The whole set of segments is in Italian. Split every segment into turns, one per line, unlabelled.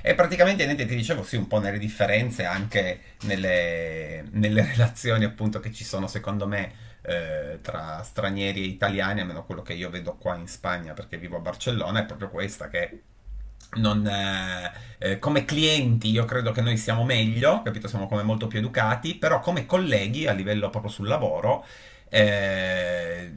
E praticamente niente, ti dicevo sì, un po' nelle differenze anche nelle relazioni appunto che ci sono secondo me tra stranieri e italiani, almeno quello che io vedo qua in Spagna perché vivo a Barcellona, è proprio questa che non, come clienti io credo che noi siamo meglio, capito? Siamo come molto più educati, però come colleghi a livello proprio sul lavoro, eh,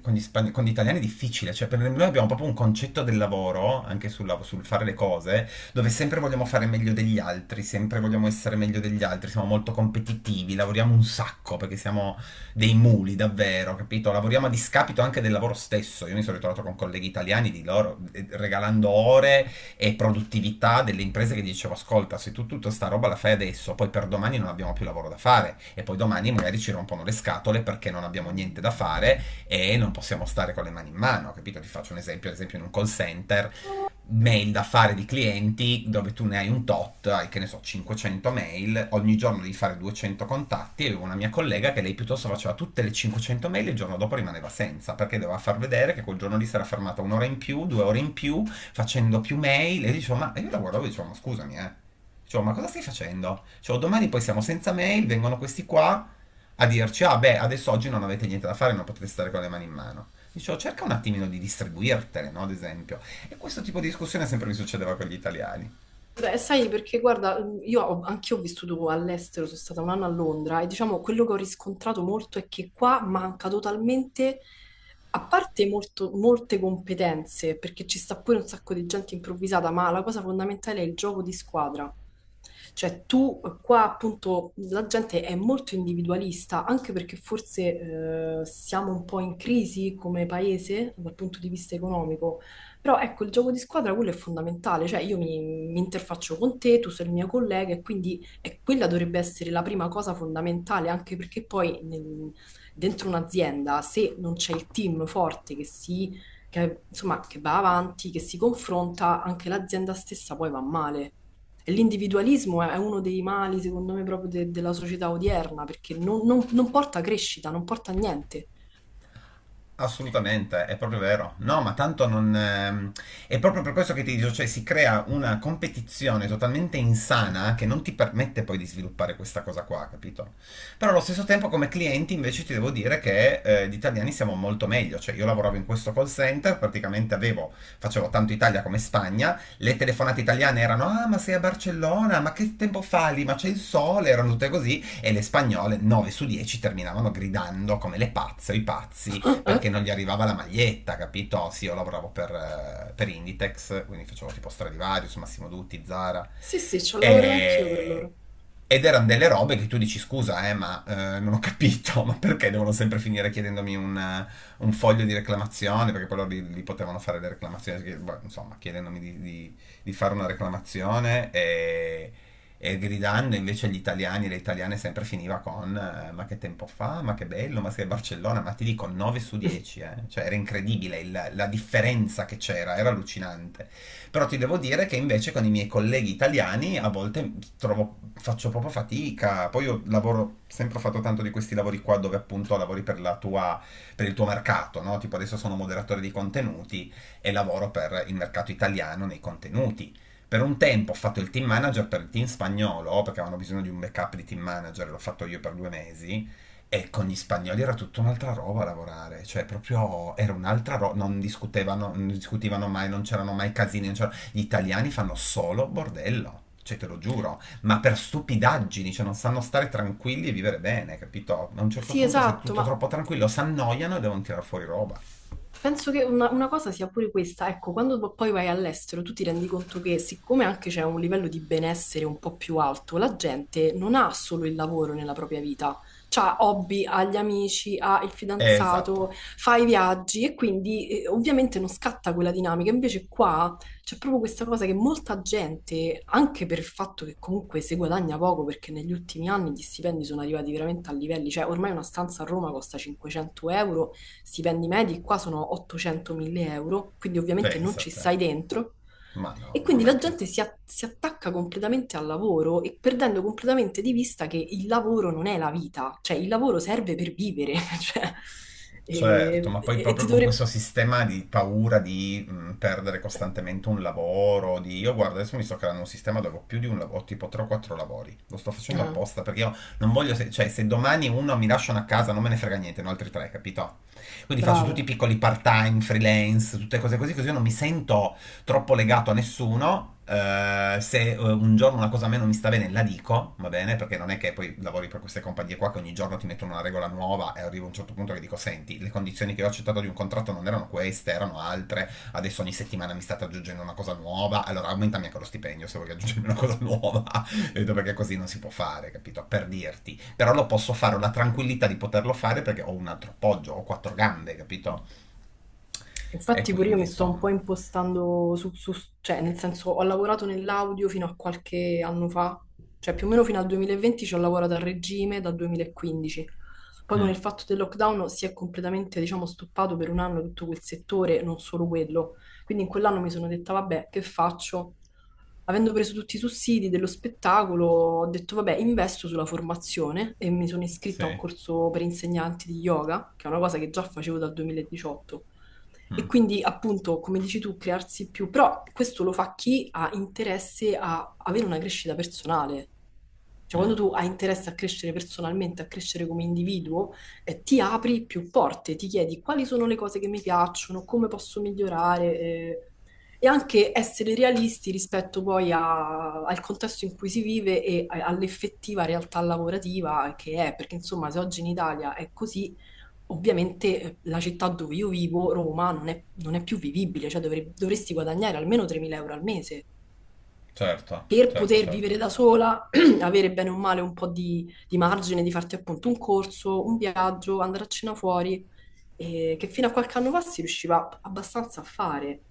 con gli italiani è difficile, cioè per noi abbiamo proprio un concetto del lavoro, anche sul fare le cose, dove sempre vogliamo fare meglio degli altri, sempre vogliamo essere meglio degli altri, siamo molto competitivi, lavoriamo un sacco perché siamo dei muli davvero, capito? Lavoriamo a discapito anche del lavoro stesso. Io mi sono ritrovato con colleghi italiani di loro regalando ore e produttività delle imprese, che dicevo: ascolta, se tu tutta sta roba la fai adesso, poi per domani non abbiamo più lavoro da fare e poi domani magari ci rompono le scatole perché non abbiamo niente da fare e non possiamo stare con le mani in mano, capito? Ti faccio un esempio, ad esempio in un call center mail da fare di clienti dove tu ne hai un tot, hai che ne so, 500 mail, ogni giorno devi fare 200 contatti. E avevo una mia collega che lei piuttosto faceva tutte le 500 mail e il giorno dopo rimaneva senza, perché doveva far vedere che quel giorno lì si era fermata un'ora in più, 2 ore in più, facendo più mail. E io dicevo, ma e io la guardavo e dicevo, ma scusami, eh. Dicevo, ma cosa stai facendo? Dicevo, domani poi siamo senza mail, vengono questi qua a dirci, ah beh, adesso oggi non avete niente da fare, non potete stare con le mani in mano. Dicevo, cerca un attimino di distribuirtele, no? Ad esempio. E questo tipo di discussione sempre mi succedeva con gli italiani.
Beh, sai, perché guarda, anch'io ho vissuto all'estero, sono stata un anno a Londra e diciamo quello che ho riscontrato molto è che qua manca totalmente, a parte molte competenze, perché ci sta pure un sacco di gente improvvisata, ma la cosa fondamentale è il gioco di squadra. Cioè tu qua appunto la gente è molto individualista, anche perché forse siamo un po' in crisi come paese dal punto di vista economico. Però ecco, il gioco di squadra quello è fondamentale, cioè io mi interfaccio con te, tu sei il mio collega e quindi quella dovrebbe essere la prima cosa fondamentale, anche perché poi dentro un'azienda, se non c'è il team forte che, insomma, che va avanti, che si confronta, anche l'azienda stessa poi va male. E l'individualismo è uno dei mali, secondo me, proprio della società odierna, perché non porta crescita, non porta a niente.
Assolutamente, è proprio vero. No, ma tanto non. È proprio per questo che ti dico, cioè si crea una competizione totalmente insana che non ti permette poi di sviluppare questa cosa qua, capito? Però allo stesso tempo come clienti invece ti devo dire che gli italiani siamo molto meglio. Cioè io lavoravo in questo call center, praticamente avevo, facevo tanto Italia come Spagna, le telefonate italiane erano: ah, ma sei a Barcellona, ma che tempo fa lì, ma c'è il sole, erano tutte così, e le spagnole 9 su 10 terminavano gridando come le pazze o i pazzi perché non gli arrivava la maglietta, capito? Sì, io lavoravo per Inditex, quindi facevo tipo Stradivarius, Massimo Dutti, Zara.
Sì, sì, ci ho lavorato anch'io per
E...
loro.
Ed erano delle robe che tu dici scusa, ma non ho capito, ma perché devono sempre finire chiedendomi un foglio di reclamazione? Perché poi loro li potevano fare le reclamazioni, che, boh, insomma, chiedendomi fare una reclamazione e gridando, invece agli italiani e alle italiane sempre finiva con ma che tempo fa, ma che bello, ma sei a Barcellona, ma ti dico 9 su 10, eh. Cioè era incredibile la differenza che c'era, era allucinante. Però ti devo dire che invece con i miei colleghi italiani a volte faccio proprio fatica, poi io lavoro, sempre ho fatto tanto di questi lavori qua dove appunto lavori per la tua, per il tuo mercato, no? Tipo adesso sono moderatore di contenuti e lavoro per il mercato italiano nei contenuti. Per un tempo ho fatto il team manager per il team spagnolo, perché avevano bisogno di un backup di team manager, l'ho fatto io per 2 mesi. E con gli spagnoli era tutta un'altra roba a lavorare, cioè proprio era un'altra roba, non discutevano, non discutivano mai, non c'erano mai casini, non c'erano- gli italiani fanno solo bordello, cioè te lo giuro, ma per stupidaggini, cioè non sanno stare tranquilli e vivere bene, capito? A un certo
Sì,
punto se è
esatto,
tutto
ma
troppo tranquillo, si annoiano e devono tirare fuori roba.
penso che una cosa sia pure questa, ecco, quando poi vai all'estero tu ti rendi conto che siccome anche c'è un livello di benessere un po' più alto, la gente non ha solo il lavoro nella propria vita, ha hobby, ha gli amici, ha il
Esatto,
fidanzato, fa i viaggi e quindi ovviamente non scatta quella dinamica. Invece qua c'è proprio questa cosa che molta gente, anche per il fatto che comunque si guadagna poco, perché negli ultimi anni gli stipendi sono arrivati veramente a livelli, cioè ormai una stanza a Roma costa 500 euro, stipendi medi qua sono 800-1000 euro, quindi ovviamente non
pensa a
ci
te.
stai dentro.
Ma
E
no, ma
quindi
mai
la
più.
gente si attacca completamente al lavoro e perdendo completamente di vista che il lavoro non è la vita, cioè il lavoro serve per vivere, cioè,
Certo,
e,
ma poi
e
proprio
ti
con
dovrebbe...
questo sistema di paura di perdere costantemente un lavoro, di. Io guarda, adesso mi sto creando un sistema dove ho più di un lavoro, ho tipo 3-4 lavori. Lo sto facendo
Ah,
apposta perché io non voglio. Cioè, se domani uno mi lasciano a casa non me ne frega niente, ne ho altri tre, capito? Quindi faccio tutti i
bravo.
piccoli part-time, freelance, tutte cose così, così io non mi sento troppo legato a nessuno. Se un giorno una cosa a me non mi sta bene, la dico, va bene? Perché non è che poi lavori per queste compagnie qua che ogni giorno ti mettono una regola nuova e arriva a un certo punto che dico: senti, le condizioni che ho accettato di un contratto non erano queste, erano altre. Adesso ogni settimana mi state aggiungendo una cosa nuova. Allora aumentami anche lo stipendio se vuoi aggiungermi una cosa nuova. Capito? Perché così non si può fare, capito? Per dirti. Però lo posso fare, ho la tranquillità di poterlo fare perché ho un altro appoggio, ho quattro gambe, capito? E
Infatti pure io
quindi,
mi sto un po'
insomma.
impostando cioè nel senso ho lavorato nell'audio fino a qualche anno fa, cioè più o meno fino al 2020 ci ho lavorato a regime dal 2015. Poi con
Mm,
il fatto del lockdown si è completamente, diciamo, stoppato per un anno tutto quel settore, non solo quello. Quindi in quell'anno mi sono detta, vabbè, che faccio? Avendo preso tutti i sussidi dello spettacolo, ho detto, vabbè, investo sulla formazione e mi sono iscritta a un
sì.
corso per insegnanti di yoga, che è una cosa che già facevo dal 2018. E quindi, appunto, come dici tu, crearsi più, però questo lo fa chi ha interesse a avere una crescita personale. Cioè,
Mm.
quando tu hai interesse a crescere personalmente, a crescere come individuo, ti apri più porte, ti chiedi quali sono le cose che mi piacciono, come posso migliorare, e anche essere realisti rispetto poi al contesto in cui si vive e all'effettiva realtà lavorativa che è, perché insomma, se oggi in Italia è così, ovviamente la città dove io vivo, Roma, non è più vivibile, cioè dovresti guadagnare almeno 3.000 euro al mese
Certo,
per
certo,
poter
certo.
vivere da sola, avere bene o male un po' di margine, di farti appunto un corso, un viaggio, andare a cena fuori, che fino a qualche anno fa si riusciva abbastanza a fare.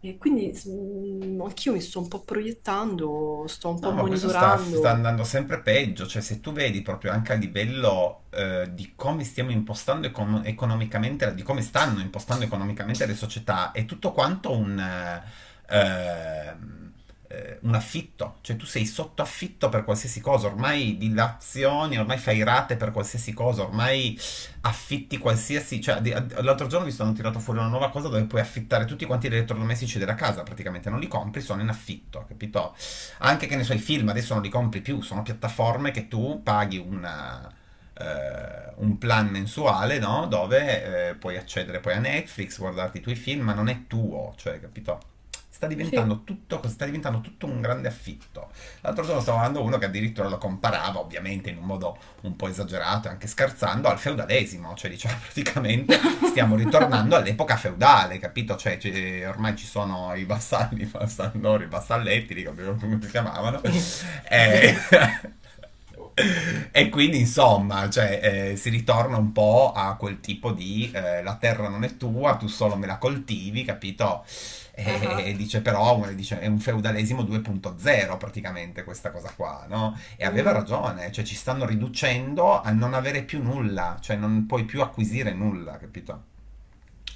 E quindi anch'io mi sto un po' proiettando, sto un po'
No, ma questo sta
monitorando.
andando sempre peggio, cioè se tu vedi proprio anche a livello di come stiamo impostando economicamente, di come stanno impostando economicamente le società, è tutto quanto ehm, un affitto, cioè tu sei sotto affitto per qualsiasi cosa, ormai dilazioni, ormai fai rate per qualsiasi cosa, ormai affitti qualsiasi, cioè l'altro giorno mi sono tirato fuori una nuova cosa dove puoi affittare tutti quanti gli elettrodomestici della casa, praticamente non li compri, sono in affitto, capito? Anche che ne so i film adesso non li compri più, sono piattaforme che tu paghi un plan mensuale, no? Dove puoi accedere poi a Netflix, guardarti i tuoi film, ma non è tuo, cioè, capito? Sta
Sì.
diventando tutto, sta diventando tutto un grande affitto. L'altro giorno stavo guardando uno che addirittura lo comparava, ovviamente in un modo un po' esagerato e anche scherzando, al feudalesimo, cioè diciamo praticamente stiamo ritornando all'epoca feudale, capito? Cioè, ormai ci sono i vassalli, i vassallori, i vassalletti, dico, come si
È
chiamavano, e...
vero.
E quindi insomma, cioè, si ritorna un po' a quel tipo di la terra non è tua, tu solo me la coltivi, capito? E
Ah,
dice, però, dice, è un feudalesimo 2.0 praticamente, questa cosa qua, no? E aveva
mm,
ragione, cioè ci stanno riducendo a non avere più nulla, cioè non puoi più acquisire nulla, capito?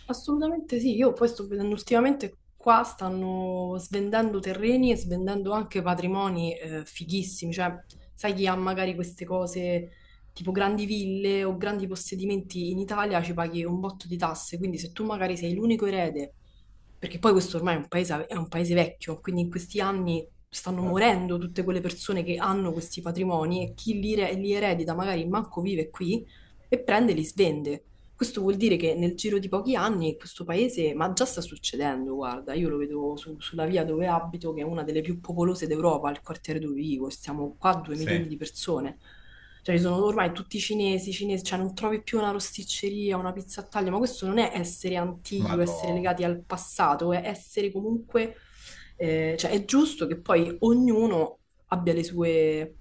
assolutamente sì, io poi sto vedendo ultimamente qua stanno svendendo terreni e svendendo anche patrimoni fighissimi, cioè sai chi ha magari queste cose tipo grandi ville o grandi possedimenti in Italia ci paghi un botto di tasse, quindi se tu magari sei l'unico erede, perché poi questo ormai è un paese vecchio, quindi in questi anni stanno
Certo.
morendo tutte quelle persone che hanno questi patrimoni e chi li eredita magari manco vive qui e prende e li svende. Questo vuol dire che nel giro di pochi anni questo paese, ma già sta succedendo, guarda, io lo vedo sulla via dove abito, che è una delle più popolose d'Europa, il quartiere dove vivo, stiamo qua due
Sì,
milioni di persone. Cioè, ci sono ormai tutti cinesi, cinesi, cioè non trovi più una rosticceria, una pizza a taglio, ma questo non è essere antichi o essere
vado.
legati al passato, è essere comunque, cioè è giusto che poi ognuno abbia le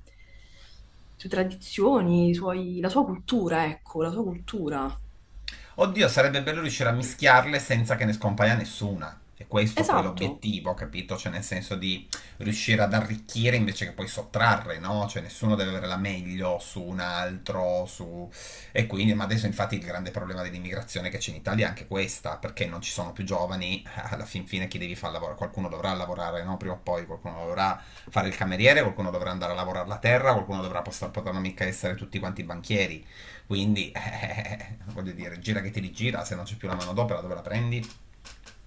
sue tradizioni, la sua cultura, ecco, la sua cultura.
Oddio, sarebbe bello riuscire a mischiarle senza che ne scompaia nessuna. E questo poi è
Esatto,
l'obiettivo, capito? Cioè nel senso di riuscire ad arricchire invece che poi sottrarre, no? Cioè nessuno deve avere la meglio su un altro, su. E quindi, ma adesso infatti il grande problema dell'immigrazione che c'è in Italia è anche questa, perché non ci sono più giovani, alla fin fine chi devi far lavorare? Qualcuno dovrà lavorare, no? Prima o poi qualcuno dovrà fare il cameriere, qualcuno dovrà andare a lavorare la terra, qualcuno dovrà poter, potranno mica essere tutti quanti banchieri. Quindi, voglio dire, gira che te li gira, se non c'è più la manodopera dove la prendi?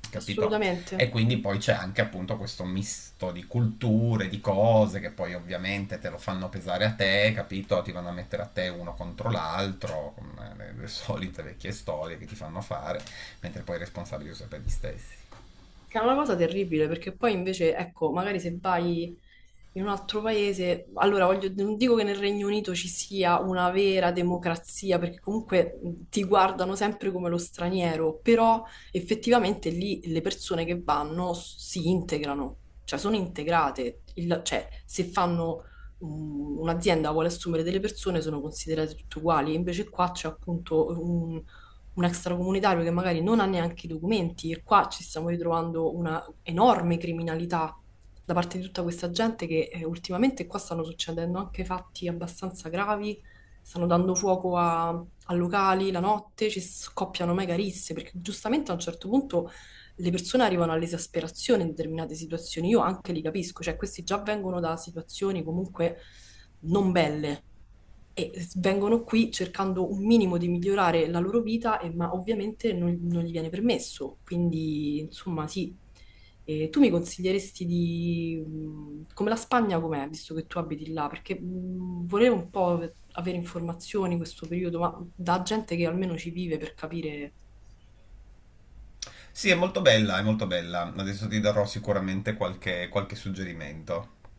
Capito?
assolutamente.
E quindi poi c'è anche appunto questo misto di culture, di cose che poi ovviamente te lo fanno pesare a te, capito? Ti vanno a mettere a te uno contro l'altro, con le solite vecchie storie che ti fanno fare, mentre poi i responsabili sono sempre gli stessi.
Che è una cosa terribile perché poi invece, ecco, magari se vai in un altro paese, allora voglio, non dico che nel Regno Unito ci sia una vera democrazia, perché comunque ti guardano sempre come lo straniero, però effettivamente lì le persone che vanno si integrano, cioè sono integrate, cioè se fanno un'azienda vuole assumere delle persone sono considerate tutte uguali, invece qua c'è appunto un extracomunitario che magari non ha neanche i documenti e qua ci stiamo ritrovando una enorme criminalità da parte di tutta questa gente che ultimamente qua stanno succedendo anche fatti abbastanza gravi, stanno dando fuoco a locali la notte, ci scoppiano mega risse perché giustamente a un certo punto le persone arrivano all'esasperazione in determinate situazioni, io anche li capisco, cioè questi già vengono da situazioni comunque non belle e vengono qui cercando un minimo di migliorare la loro vita, ma ovviamente non gli viene permesso. Quindi, insomma, sì. Tu mi consiglieresti come la Spagna com'è, visto che tu abiti là? Perché volevo un po' avere informazioni in questo periodo, ma da gente che almeno ci vive per capire...
Sì, è molto bella, è molto bella. Adesso ti darò sicuramente qualche suggerimento.